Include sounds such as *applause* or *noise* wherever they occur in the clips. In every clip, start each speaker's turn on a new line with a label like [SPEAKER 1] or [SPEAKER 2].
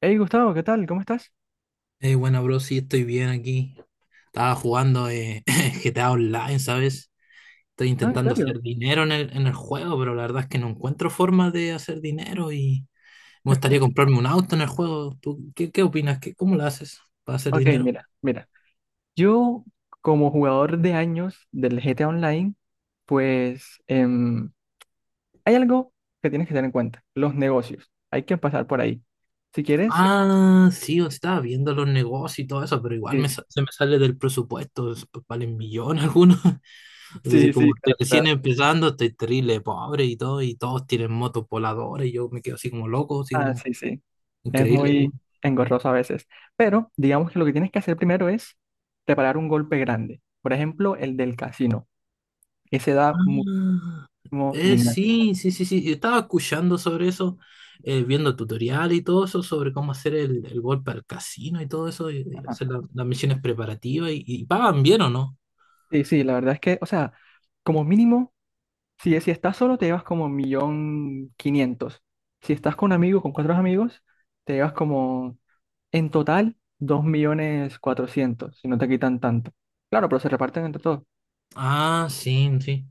[SPEAKER 1] Hey Gustavo, ¿qué tal? ¿Cómo estás?
[SPEAKER 2] Bueno, bro, sí, estoy bien aquí. Estaba jugando *laughs* GTA Online, ¿sabes? Estoy
[SPEAKER 1] Ah, ¿en
[SPEAKER 2] intentando
[SPEAKER 1] serio?
[SPEAKER 2] hacer dinero en el juego, pero la verdad es que no encuentro forma de hacer dinero y me gustaría comprarme un auto en el juego. ¿Tú qué opinas? ¿Qué, cómo lo haces para hacer
[SPEAKER 1] Ok,
[SPEAKER 2] dinero?
[SPEAKER 1] mira, mira. Yo, como jugador de años del GTA Online, pues hay algo que tienes que tener en cuenta, los negocios. Hay que pasar por ahí. Si quieres,
[SPEAKER 2] Ah, sí, o estaba viendo los negocios y todo eso, pero igual
[SPEAKER 1] sí,
[SPEAKER 2] se me sale del presupuesto, valen millones algunos. *laughs* Entonces,
[SPEAKER 1] sí, sí,
[SPEAKER 2] como estoy
[SPEAKER 1] claro,
[SPEAKER 2] recién
[SPEAKER 1] claro.
[SPEAKER 2] empezando, estoy terrible, pobre y todo, y todos tienen motos voladoras y yo me quedo así como loco, así
[SPEAKER 1] Ah,
[SPEAKER 2] como
[SPEAKER 1] sí, sí. Es
[SPEAKER 2] increíble.
[SPEAKER 1] muy engorroso a veces. Pero digamos que lo que tienes que hacer primero es preparar un golpe grande. Por ejemplo, el del casino. Ese da muchísimo
[SPEAKER 2] Ah,
[SPEAKER 1] dinero.
[SPEAKER 2] sí, sí. Yo estaba escuchando sobre eso, viendo tutorial y todo eso, sobre cómo hacer el golpe al casino y todo eso, y
[SPEAKER 1] Ajá.
[SPEAKER 2] hacer las misiones preparativas y pagan bien o no.
[SPEAKER 1] Sí, sí, la verdad es que, o sea, como mínimo. Si estás solo, te llevas como un millón quinientos. Si estás con un amigo, con cuatro amigos, te llevas como en total dos millones cuatrocientos, si no te quitan tanto. Claro, pero se reparten entre todos.
[SPEAKER 2] Ah, sí, sí.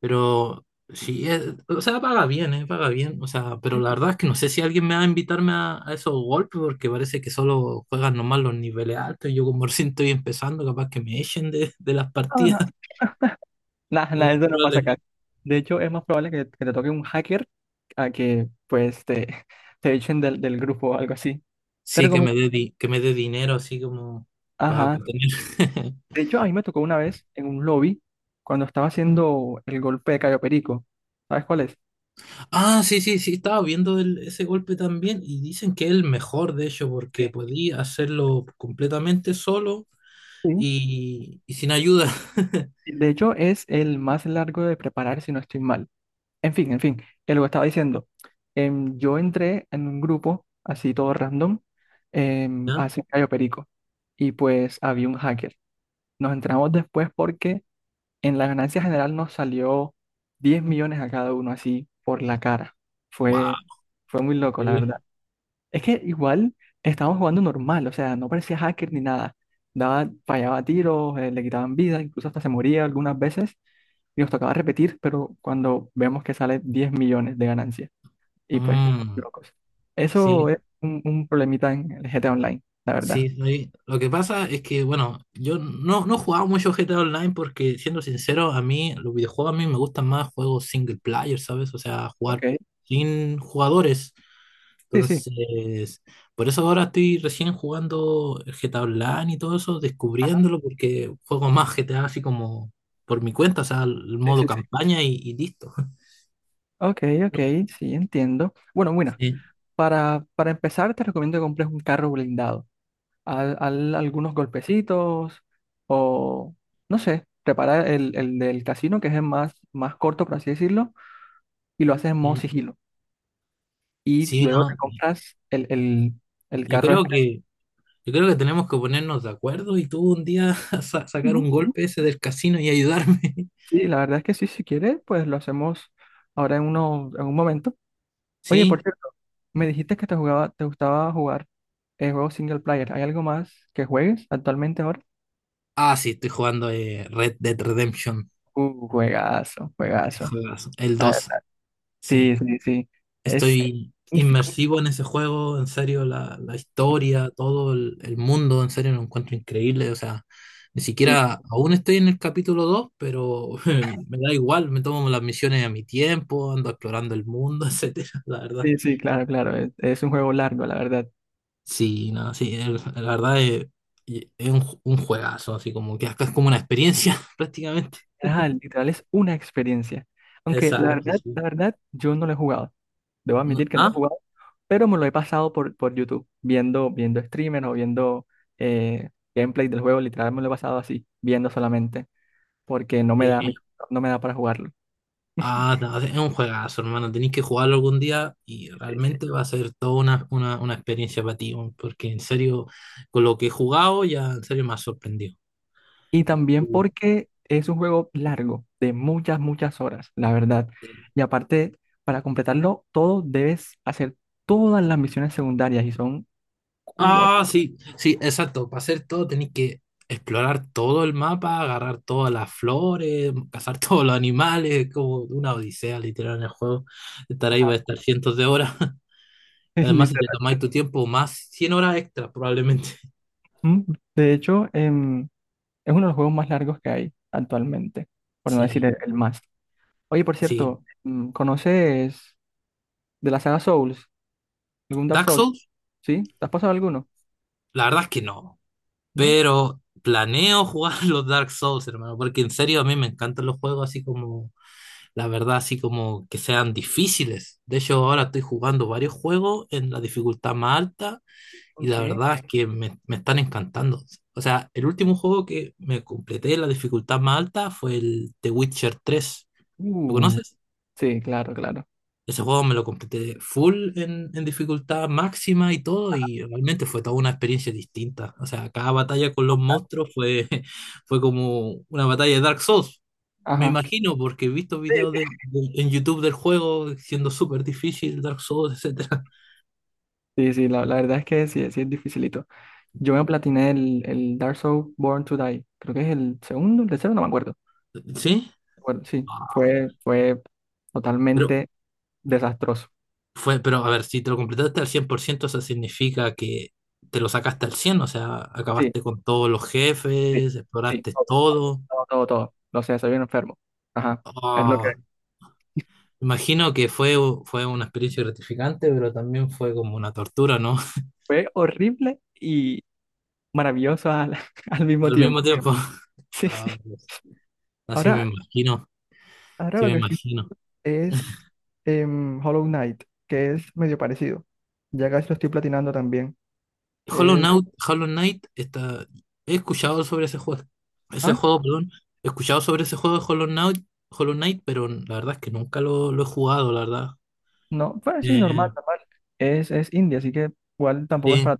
[SPEAKER 2] Pero sí, o sea, paga bien, paga bien. O sea, pero
[SPEAKER 1] Sí,
[SPEAKER 2] la
[SPEAKER 1] sí.
[SPEAKER 2] verdad es que no sé si alguien me va a invitarme a esos golpes porque parece que solo juegan nomás los niveles altos. Y yo como recién estoy empezando, capaz que me echen de las
[SPEAKER 1] No,
[SPEAKER 2] partidas.
[SPEAKER 1] no. Nah, nah, *laughs* eso no pasa acá.
[SPEAKER 2] *laughs*
[SPEAKER 1] De hecho, es más probable que te toque un hacker a que pues te, *laughs* te echen del grupo o algo así. Te
[SPEAKER 2] Sí, que
[SPEAKER 1] recomiendo.
[SPEAKER 2] me dé que me dé dinero así como para
[SPEAKER 1] Ajá.
[SPEAKER 2] tener. *laughs*
[SPEAKER 1] De hecho, a mí me tocó una vez en un lobby cuando estaba haciendo el golpe de Cayo Perico. ¿Sabes cuál es?
[SPEAKER 2] Ah, sí, sí, sí, estaba viendo ese golpe también y dicen que es el mejor, de hecho, porque
[SPEAKER 1] Sí.
[SPEAKER 2] podía hacerlo completamente solo
[SPEAKER 1] Sí.
[SPEAKER 2] y sin ayuda. *laughs*
[SPEAKER 1] De hecho, es el más largo de preparar, si no estoy mal. En fin, que lo que estaba diciendo. Yo entré en un grupo, así todo random,
[SPEAKER 2] ¿Ya?
[SPEAKER 1] hace Cayo Perico. Y pues había un hacker. Nos entramos después porque en la ganancia general nos salió 10 millones a cada uno, así por la cara. Fue,
[SPEAKER 2] ¡Wow!
[SPEAKER 1] fue muy loco, la
[SPEAKER 2] Increíble.
[SPEAKER 1] verdad. Es que igual estábamos jugando normal, o sea, no parecía hacker ni nada. Daba, fallaba tiros, le quitaban vida, incluso hasta se moría algunas veces y nos tocaba repetir, pero cuando vemos que sale 10 millones de ganancia y pues,
[SPEAKER 2] Mm,
[SPEAKER 1] locos. Eso
[SPEAKER 2] sí,
[SPEAKER 1] es un problemita en el GTA Online, la verdad.
[SPEAKER 2] sí, sí. Lo que pasa es que, bueno, yo no he jugado mucho GTA Online porque, siendo sincero, a mí, los videojuegos a mí me gustan más juegos single player, ¿sabes? O sea, jugar
[SPEAKER 1] Ok,
[SPEAKER 2] sin jugadores.
[SPEAKER 1] sí, sí.
[SPEAKER 2] Entonces, por eso ahora estoy recién jugando el GTA Online y todo eso,
[SPEAKER 1] Ajá,
[SPEAKER 2] descubriéndolo, porque juego más GTA así como por mi cuenta, o sea, el
[SPEAKER 1] sí,
[SPEAKER 2] modo
[SPEAKER 1] sí, sí.
[SPEAKER 2] campaña y listo. *laughs*
[SPEAKER 1] Ok, ok, sí, entiendo. Bueno, bueno,
[SPEAKER 2] Sí,
[SPEAKER 1] para empezar te recomiendo que compres un carro blindado. Algunos golpecitos o, no sé, preparar el del casino, que es el más, más corto, por así decirlo, y lo haces en modo
[SPEAKER 2] sí.
[SPEAKER 1] sigilo. Y
[SPEAKER 2] Sí,
[SPEAKER 1] luego te
[SPEAKER 2] no,
[SPEAKER 1] compras el
[SPEAKER 2] yo
[SPEAKER 1] carro
[SPEAKER 2] creo
[SPEAKER 1] este.
[SPEAKER 2] que, yo creo que tenemos que ponernos de acuerdo y tú un día *laughs* sacar
[SPEAKER 1] ¿No?
[SPEAKER 2] un
[SPEAKER 1] Sí,
[SPEAKER 2] golpe ese del casino y ayudarme. *laughs*
[SPEAKER 1] sí, la verdad es que sí, si quieres, pues lo hacemos ahora en, uno, en un momento. Oye, por
[SPEAKER 2] ¿Sí?
[SPEAKER 1] cierto, me dijiste que te gustaba jugar juegos single player. ¿Hay algo más que juegues actualmente ahora?
[SPEAKER 2] Ah, sí, estoy jugando Red Dead Redemption,
[SPEAKER 1] Juegazo,
[SPEAKER 2] el
[SPEAKER 1] juegazo.
[SPEAKER 2] juegazo, el
[SPEAKER 1] La
[SPEAKER 2] 2,
[SPEAKER 1] verdad, sí,
[SPEAKER 2] sí.
[SPEAKER 1] sí, sí. Es
[SPEAKER 2] Estoy
[SPEAKER 1] magnífico.
[SPEAKER 2] inmersivo en ese juego, en serio, la historia, todo el mundo, en serio, lo encuentro increíble. O sea, ni
[SPEAKER 1] Sí,
[SPEAKER 2] siquiera aún estoy en el capítulo dos, pero *laughs* me da igual, me tomo las misiones a mi tiempo, ando explorando el mundo, *laughs* etcétera, la verdad.
[SPEAKER 1] sí, sí, claro, claro. Es un juego largo, la verdad.
[SPEAKER 2] Sí, no, sí, la verdad es un juegazo, así como que acá es como una experiencia *laughs* prácticamente.
[SPEAKER 1] Ajá, literal es una experiencia. Aunque
[SPEAKER 2] Exacto,
[SPEAKER 1] la
[SPEAKER 2] sí.
[SPEAKER 1] verdad, yo no lo he jugado. Debo admitir que no lo he
[SPEAKER 2] ¿Ah?
[SPEAKER 1] jugado, pero me lo he pasado por YouTube, viendo streamers o viendo eh, gameplay del juego. Literal me lo he pasado así, viendo solamente, porque no me da,
[SPEAKER 2] Sí.
[SPEAKER 1] no me da para jugarlo.
[SPEAKER 2] Ah, no, es un juegazo, hermano. Tenéis que jugarlo algún día y
[SPEAKER 1] Sí, sí, sí.
[SPEAKER 2] realmente va a ser toda una experiencia para ti, weón, porque en serio, con lo que he jugado, ya en serio me ha sorprendido.
[SPEAKER 1] Y también
[SPEAKER 2] Y,
[SPEAKER 1] porque es un juego largo, de muchas, muchas horas, la verdad.
[SPEAKER 2] eh,
[SPEAKER 1] Y aparte, para completarlo todo, debes hacer todas las misiones secundarias y son culo.
[SPEAKER 2] Ah, sí, sí, exacto. Para hacer todo tenéis que explorar todo el mapa, agarrar todas las flores, cazar *laughs* todos los animales, es como una odisea literal en el juego. Estar ahí
[SPEAKER 1] Ajá,
[SPEAKER 2] va a estar cientos de horas.
[SPEAKER 1] *laughs*
[SPEAKER 2] *laughs*
[SPEAKER 1] es
[SPEAKER 2] Además, si te
[SPEAKER 1] literal.
[SPEAKER 2] tomáis tu tiempo, más 100 horas extra probablemente. *laughs*
[SPEAKER 1] Mm, De hecho, es uno de los juegos más largos que hay actualmente, por no decir
[SPEAKER 2] Sí,
[SPEAKER 1] el más. Oye, por
[SPEAKER 2] sí.
[SPEAKER 1] cierto, ¿conoces de la saga Souls? ¿Algún Dark
[SPEAKER 2] Dark
[SPEAKER 1] Souls?
[SPEAKER 2] Souls,
[SPEAKER 1] ¿Sí? ¿Te has pasado alguno?
[SPEAKER 2] la verdad es que no.
[SPEAKER 1] ¿No?
[SPEAKER 2] Pero planeo jugar *laughs* los Dark Souls, hermano, porque en serio a mí me encantan los juegos así como, la verdad, así como que sean difíciles. De hecho, ahora estoy jugando varios juegos en la dificultad más alta y la
[SPEAKER 1] Ok.
[SPEAKER 2] verdad es que me están encantando. O sea, el último juego que me completé en la dificultad más alta fue el The Witcher tres. ¿Lo
[SPEAKER 1] Uh,
[SPEAKER 2] conoces?
[SPEAKER 1] sí, claro, claro.
[SPEAKER 2] Ese juego me lo completé full en dificultad máxima y todo, y realmente fue toda una experiencia distinta. O sea, cada batalla con los monstruos fue, *laughs* fue como una batalla de Dark Souls. Me
[SPEAKER 1] Ajá.
[SPEAKER 2] imagino, porque he visto videos en YouTube del juego siendo súper difícil, Dark Souls, etcétera.
[SPEAKER 1] Sí, sí, la verdad es que sí, sí es dificilito. Yo me platiné el Dark Souls Born to Die. Creo que es el segundo, el tercero, no me acuerdo.
[SPEAKER 2] *laughs* ¿Sí?
[SPEAKER 1] Bueno, sí, fue
[SPEAKER 2] Pero,
[SPEAKER 1] totalmente desastroso.
[SPEAKER 2] fue, pero a ver, si te lo completaste al 100%, eso significa que te lo sacaste al cien, o sea,
[SPEAKER 1] Sí,
[SPEAKER 2] acabaste con todos los
[SPEAKER 1] sí,
[SPEAKER 2] jefes,
[SPEAKER 1] sí,
[SPEAKER 2] exploraste
[SPEAKER 1] todo,
[SPEAKER 2] todo.
[SPEAKER 1] todo, todo, todo. No sé, soy bien enfermo. Ajá, es lo que
[SPEAKER 2] Ah. Imagino que fue, fue una experiencia gratificante, pero también fue como una tortura, ¿no? *laughs*
[SPEAKER 1] fue horrible y maravilloso al, *laughs* al mismo
[SPEAKER 2] Al mismo, sí,
[SPEAKER 1] tiempo. *laughs*
[SPEAKER 2] tiempo.
[SPEAKER 1] Sí, sí.
[SPEAKER 2] Ah, pues, así me
[SPEAKER 1] Ahora,
[SPEAKER 2] imagino,
[SPEAKER 1] ahora
[SPEAKER 2] sí
[SPEAKER 1] lo
[SPEAKER 2] me
[SPEAKER 1] que estoy
[SPEAKER 2] imagino.
[SPEAKER 1] es Hollow Knight, que es medio parecido. Ya casi lo estoy platinando también.
[SPEAKER 2] Hollow
[SPEAKER 1] Es,
[SPEAKER 2] Knight, Hollow Knight está... He escuchado sobre ese
[SPEAKER 1] ¿Ah?
[SPEAKER 2] juego, perdón. He escuchado sobre ese juego de Hollow Knight, Hollow Knight, pero la verdad es que nunca lo he jugado, la verdad.
[SPEAKER 1] No, pues sí, normal,
[SPEAKER 2] Eh,
[SPEAKER 1] normal. Es India así que igual tampoco es
[SPEAKER 2] sí,
[SPEAKER 1] para.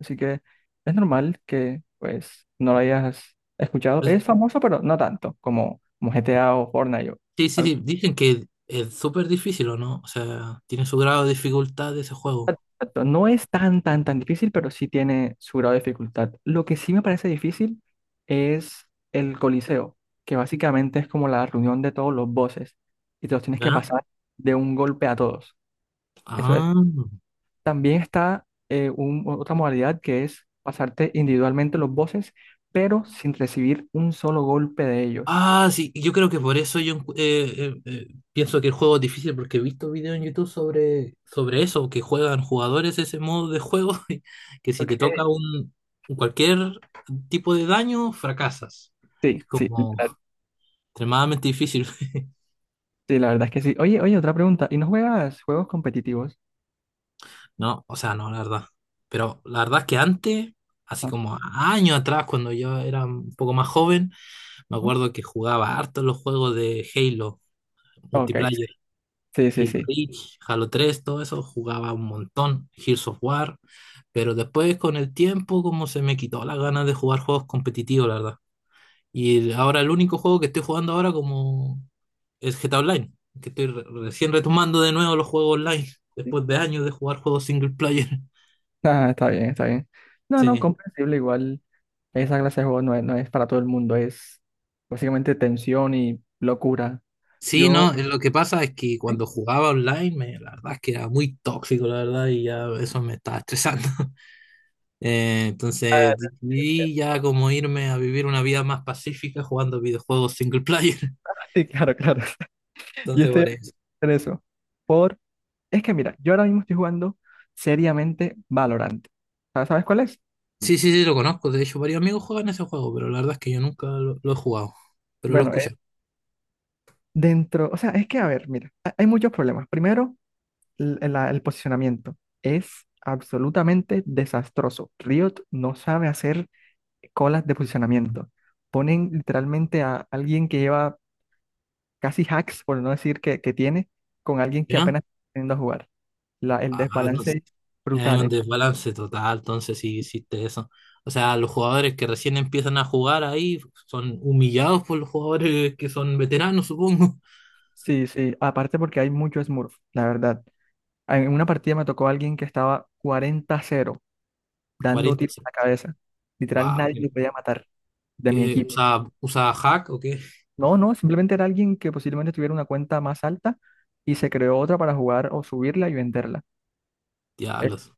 [SPEAKER 1] Así que es normal que pues no lo hayas escuchado. Es
[SPEAKER 2] sí,
[SPEAKER 1] famoso, pero no tanto como GTA o Fortnite o algo.
[SPEAKER 2] sí, Dicen que es súper difícil, ¿o no? O sea, tiene su grado de dificultad ese juego,
[SPEAKER 1] Exacto, no es tan, tan, tan difícil, pero sí tiene su grado de dificultad. Lo que sí me parece difícil es el Coliseo, que básicamente es como la reunión de todos los bosses y te los tienes que
[SPEAKER 2] ¿verdad?
[SPEAKER 1] pasar de un golpe a todos. Eso es
[SPEAKER 2] Ah.
[SPEAKER 1] También está otra modalidad que es pasarte individualmente los bosses, pero sin recibir un solo golpe de ellos.
[SPEAKER 2] Ah, sí, y yo creo que por eso yo pienso que el juego es difícil, porque he visto videos en YouTube sobre eso, que juegan jugadores ese modo de juego, *laughs* y que si
[SPEAKER 1] Ok.
[SPEAKER 2] te toca un cualquier tipo de daño, fracasas. Es
[SPEAKER 1] Sí, sí,
[SPEAKER 2] como extremadamente difícil. *laughs*
[SPEAKER 1] sí, la verdad es que sí. Oye, oye, otra pregunta. ¿Y no juegas juegos competitivos?
[SPEAKER 2] No, o sea, no, la verdad. Pero la verdad es que antes, así
[SPEAKER 1] Ah,
[SPEAKER 2] como años atrás, cuando yo era un poco más joven, me
[SPEAKER 1] ¿no?
[SPEAKER 2] acuerdo que jugaba harto los juegos de Halo
[SPEAKER 1] Ok,
[SPEAKER 2] multiplayer.
[SPEAKER 1] sí, sí,
[SPEAKER 2] Halo
[SPEAKER 1] sí,
[SPEAKER 2] Reach, Halo 3, todo eso jugaba un montón, Gears of War, pero después con el tiempo como se me quitó las ganas de jugar juegos competitivos, la verdad. Y ahora el único juego que estoy jugando ahora como es GTA Online, que estoy recién retomando de nuevo los juegos online,
[SPEAKER 1] sí.
[SPEAKER 2] después de años de jugar juegos single player. *laughs*
[SPEAKER 1] Ah, está bien, está bien. No, no,
[SPEAKER 2] Sí.
[SPEAKER 1] comprensible. Igual esa clase de juego no es para todo el mundo. Es básicamente tensión y locura.
[SPEAKER 2] Sí,
[SPEAKER 1] Yo.
[SPEAKER 2] no, lo que pasa es que
[SPEAKER 1] Sí,
[SPEAKER 2] cuando jugaba online, la verdad es que era muy tóxico, la verdad, y ya eso me estaba estresando. *laughs*
[SPEAKER 1] ah,
[SPEAKER 2] Entonces
[SPEAKER 1] sí, sí,
[SPEAKER 2] decidí ya como irme a vivir una vida más pacífica jugando videojuegos single player. *laughs*
[SPEAKER 1] *laughs* sí, claro, claro. *laughs* Yo
[SPEAKER 2] Entonces
[SPEAKER 1] estoy
[SPEAKER 2] por eso.
[SPEAKER 1] en eso. Por. Es que mira, yo ahora mismo estoy jugando seriamente Valorant. ¿Sabes cuál es?
[SPEAKER 2] Sí, sí, sí, lo conozco. De hecho, varios amigos juegan ese juego, pero la verdad es que yo nunca lo he jugado. Pero lo he
[SPEAKER 1] Bueno,
[SPEAKER 2] escuchado.
[SPEAKER 1] dentro, o sea, es que a ver, mira, hay muchos problemas. Primero, el posicionamiento es absolutamente desastroso. Riot no sabe hacer colas de posicionamiento. Ponen literalmente a alguien que lleva casi hacks, por no decir que tiene, con alguien que
[SPEAKER 2] ¿Ya?
[SPEAKER 1] apenas está aprendiendo a jugar. El
[SPEAKER 2] Ah, no
[SPEAKER 1] desbalance
[SPEAKER 2] sé.
[SPEAKER 1] es
[SPEAKER 2] Hay
[SPEAKER 1] brutal.
[SPEAKER 2] un desbalance total, entonces sí existe eso. O sea, los jugadores que recién empiezan a jugar ahí son humillados por los jugadores que son veteranos, supongo.
[SPEAKER 1] Sí, sí, aparte porque hay mucho Smurf, la verdad. En una partida me tocó alguien que estaba 40 cero
[SPEAKER 2] *laughs*
[SPEAKER 1] dando
[SPEAKER 2] Cuarenta,
[SPEAKER 1] tiros a la cabeza. Literal,
[SPEAKER 2] wow.
[SPEAKER 1] nadie
[SPEAKER 2] ¿Qué,
[SPEAKER 1] le podía matar de mi equipo.
[SPEAKER 2] usa hack o qué?
[SPEAKER 1] No, no, simplemente era alguien que posiblemente tuviera una cuenta más alta y se creó otra para jugar o subirla y venderla. Eh,
[SPEAKER 2] Diablos.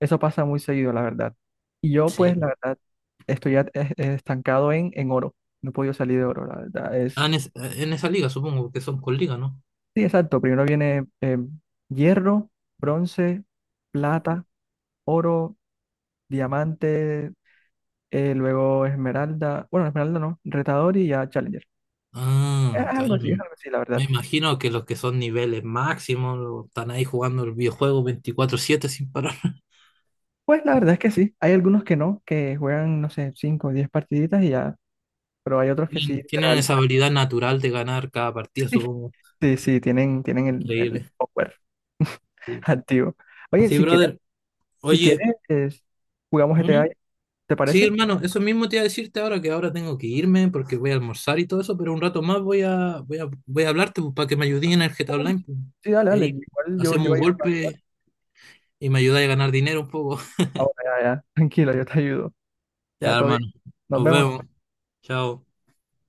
[SPEAKER 1] Eso pasa muy seguido, la verdad. Y yo,
[SPEAKER 2] Sí.
[SPEAKER 1] pues, la verdad, estoy at- es estancado en oro. No he podido salir de oro, la verdad.
[SPEAKER 2] Ah, en esa liga, supongo que son con liga, ¿no?
[SPEAKER 1] Sí, exacto. Primero viene hierro, bronce, plata, oro, diamante. Luego Esmeralda, bueno, Esmeralda no, Retador y ya Challenger.
[SPEAKER 2] Ah, está bien.
[SPEAKER 1] Es
[SPEAKER 2] me
[SPEAKER 1] algo así, la verdad.
[SPEAKER 2] me imagino que los que son niveles máximos están ahí jugando el videojuego 24/7 sin parar. *laughs*
[SPEAKER 1] Pues la verdad es que sí, hay algunos que no, que juegan, no sé, 5 o 10 partiditas y ya, pero hay otros que sí,
[SPEAKER 2] Tienen, tienen
[SPEAKER 1] literal,
[SPEAKER 2] esa habilidad natural de ganar cada
[SPEAKER 1] *laughs*
[SPEAKER 2] partida,
[SPEAKER 1] sí,
[SPEAKER 2] supongo.
[SPEAKER 1] sí, sí, tienen el
[SPEAKER 2] Increíble.
[SPEAKER 1] software *laughs*
[SPEAKER 2] Sí.
[SPEAKER 1] activo. Oye,
[SPEAKER 2] Sí,
[SPEAKER 1] si quieres,
[SPEAKER 2] brother.
[SPEAKER 1] si
[SPEAKER 2] Oye,
[SPEAKER 1] quieres, jugamos
[SPEAKER 2] ¿mm?
[SPEAKER 1] GTA, ¿te
[SPEAKER 2] Sí,
[SPEAKER 1] parece?
[SPEAKER 2] hermano, eso mismo te iba a decirte ahora que ahora tengo que irme porque voy a almorzar y todo eso, pero un rato más voy a hablarte pues, para que me ayudes en el
[SPEAKER 1] Ah,
[SPEAKER 2] GTA
[SPEAKER 1] bueno,
[SPEAKER 2] Online pues.
[SPEAKER 1] sí, dale,
[SPEAKER 2] Y
[SPEAKER 1] dale,
[SPEAKER 2] ahí
[SPEAKER 1] igual yo,
[SPEAKER 2] hacemos
[SPEAKER 1] yo
[SPEAKER 2] un golpe y me ayudas a ganar dinero un poco.
[SPEAKER 1] ahora ya, ya, *laughs* tranquilo, yo te ayudo. Ya,
[SPEAKER 2] Ya,
[SPEAKER 1] todo bien.
[SPEAKER 2] hermano,
[SPEAKER 1] Nos
[SPEAKER 2] nos
[SPEAKER 1] vemos.
[SPEAKER 2] vemos. Chao.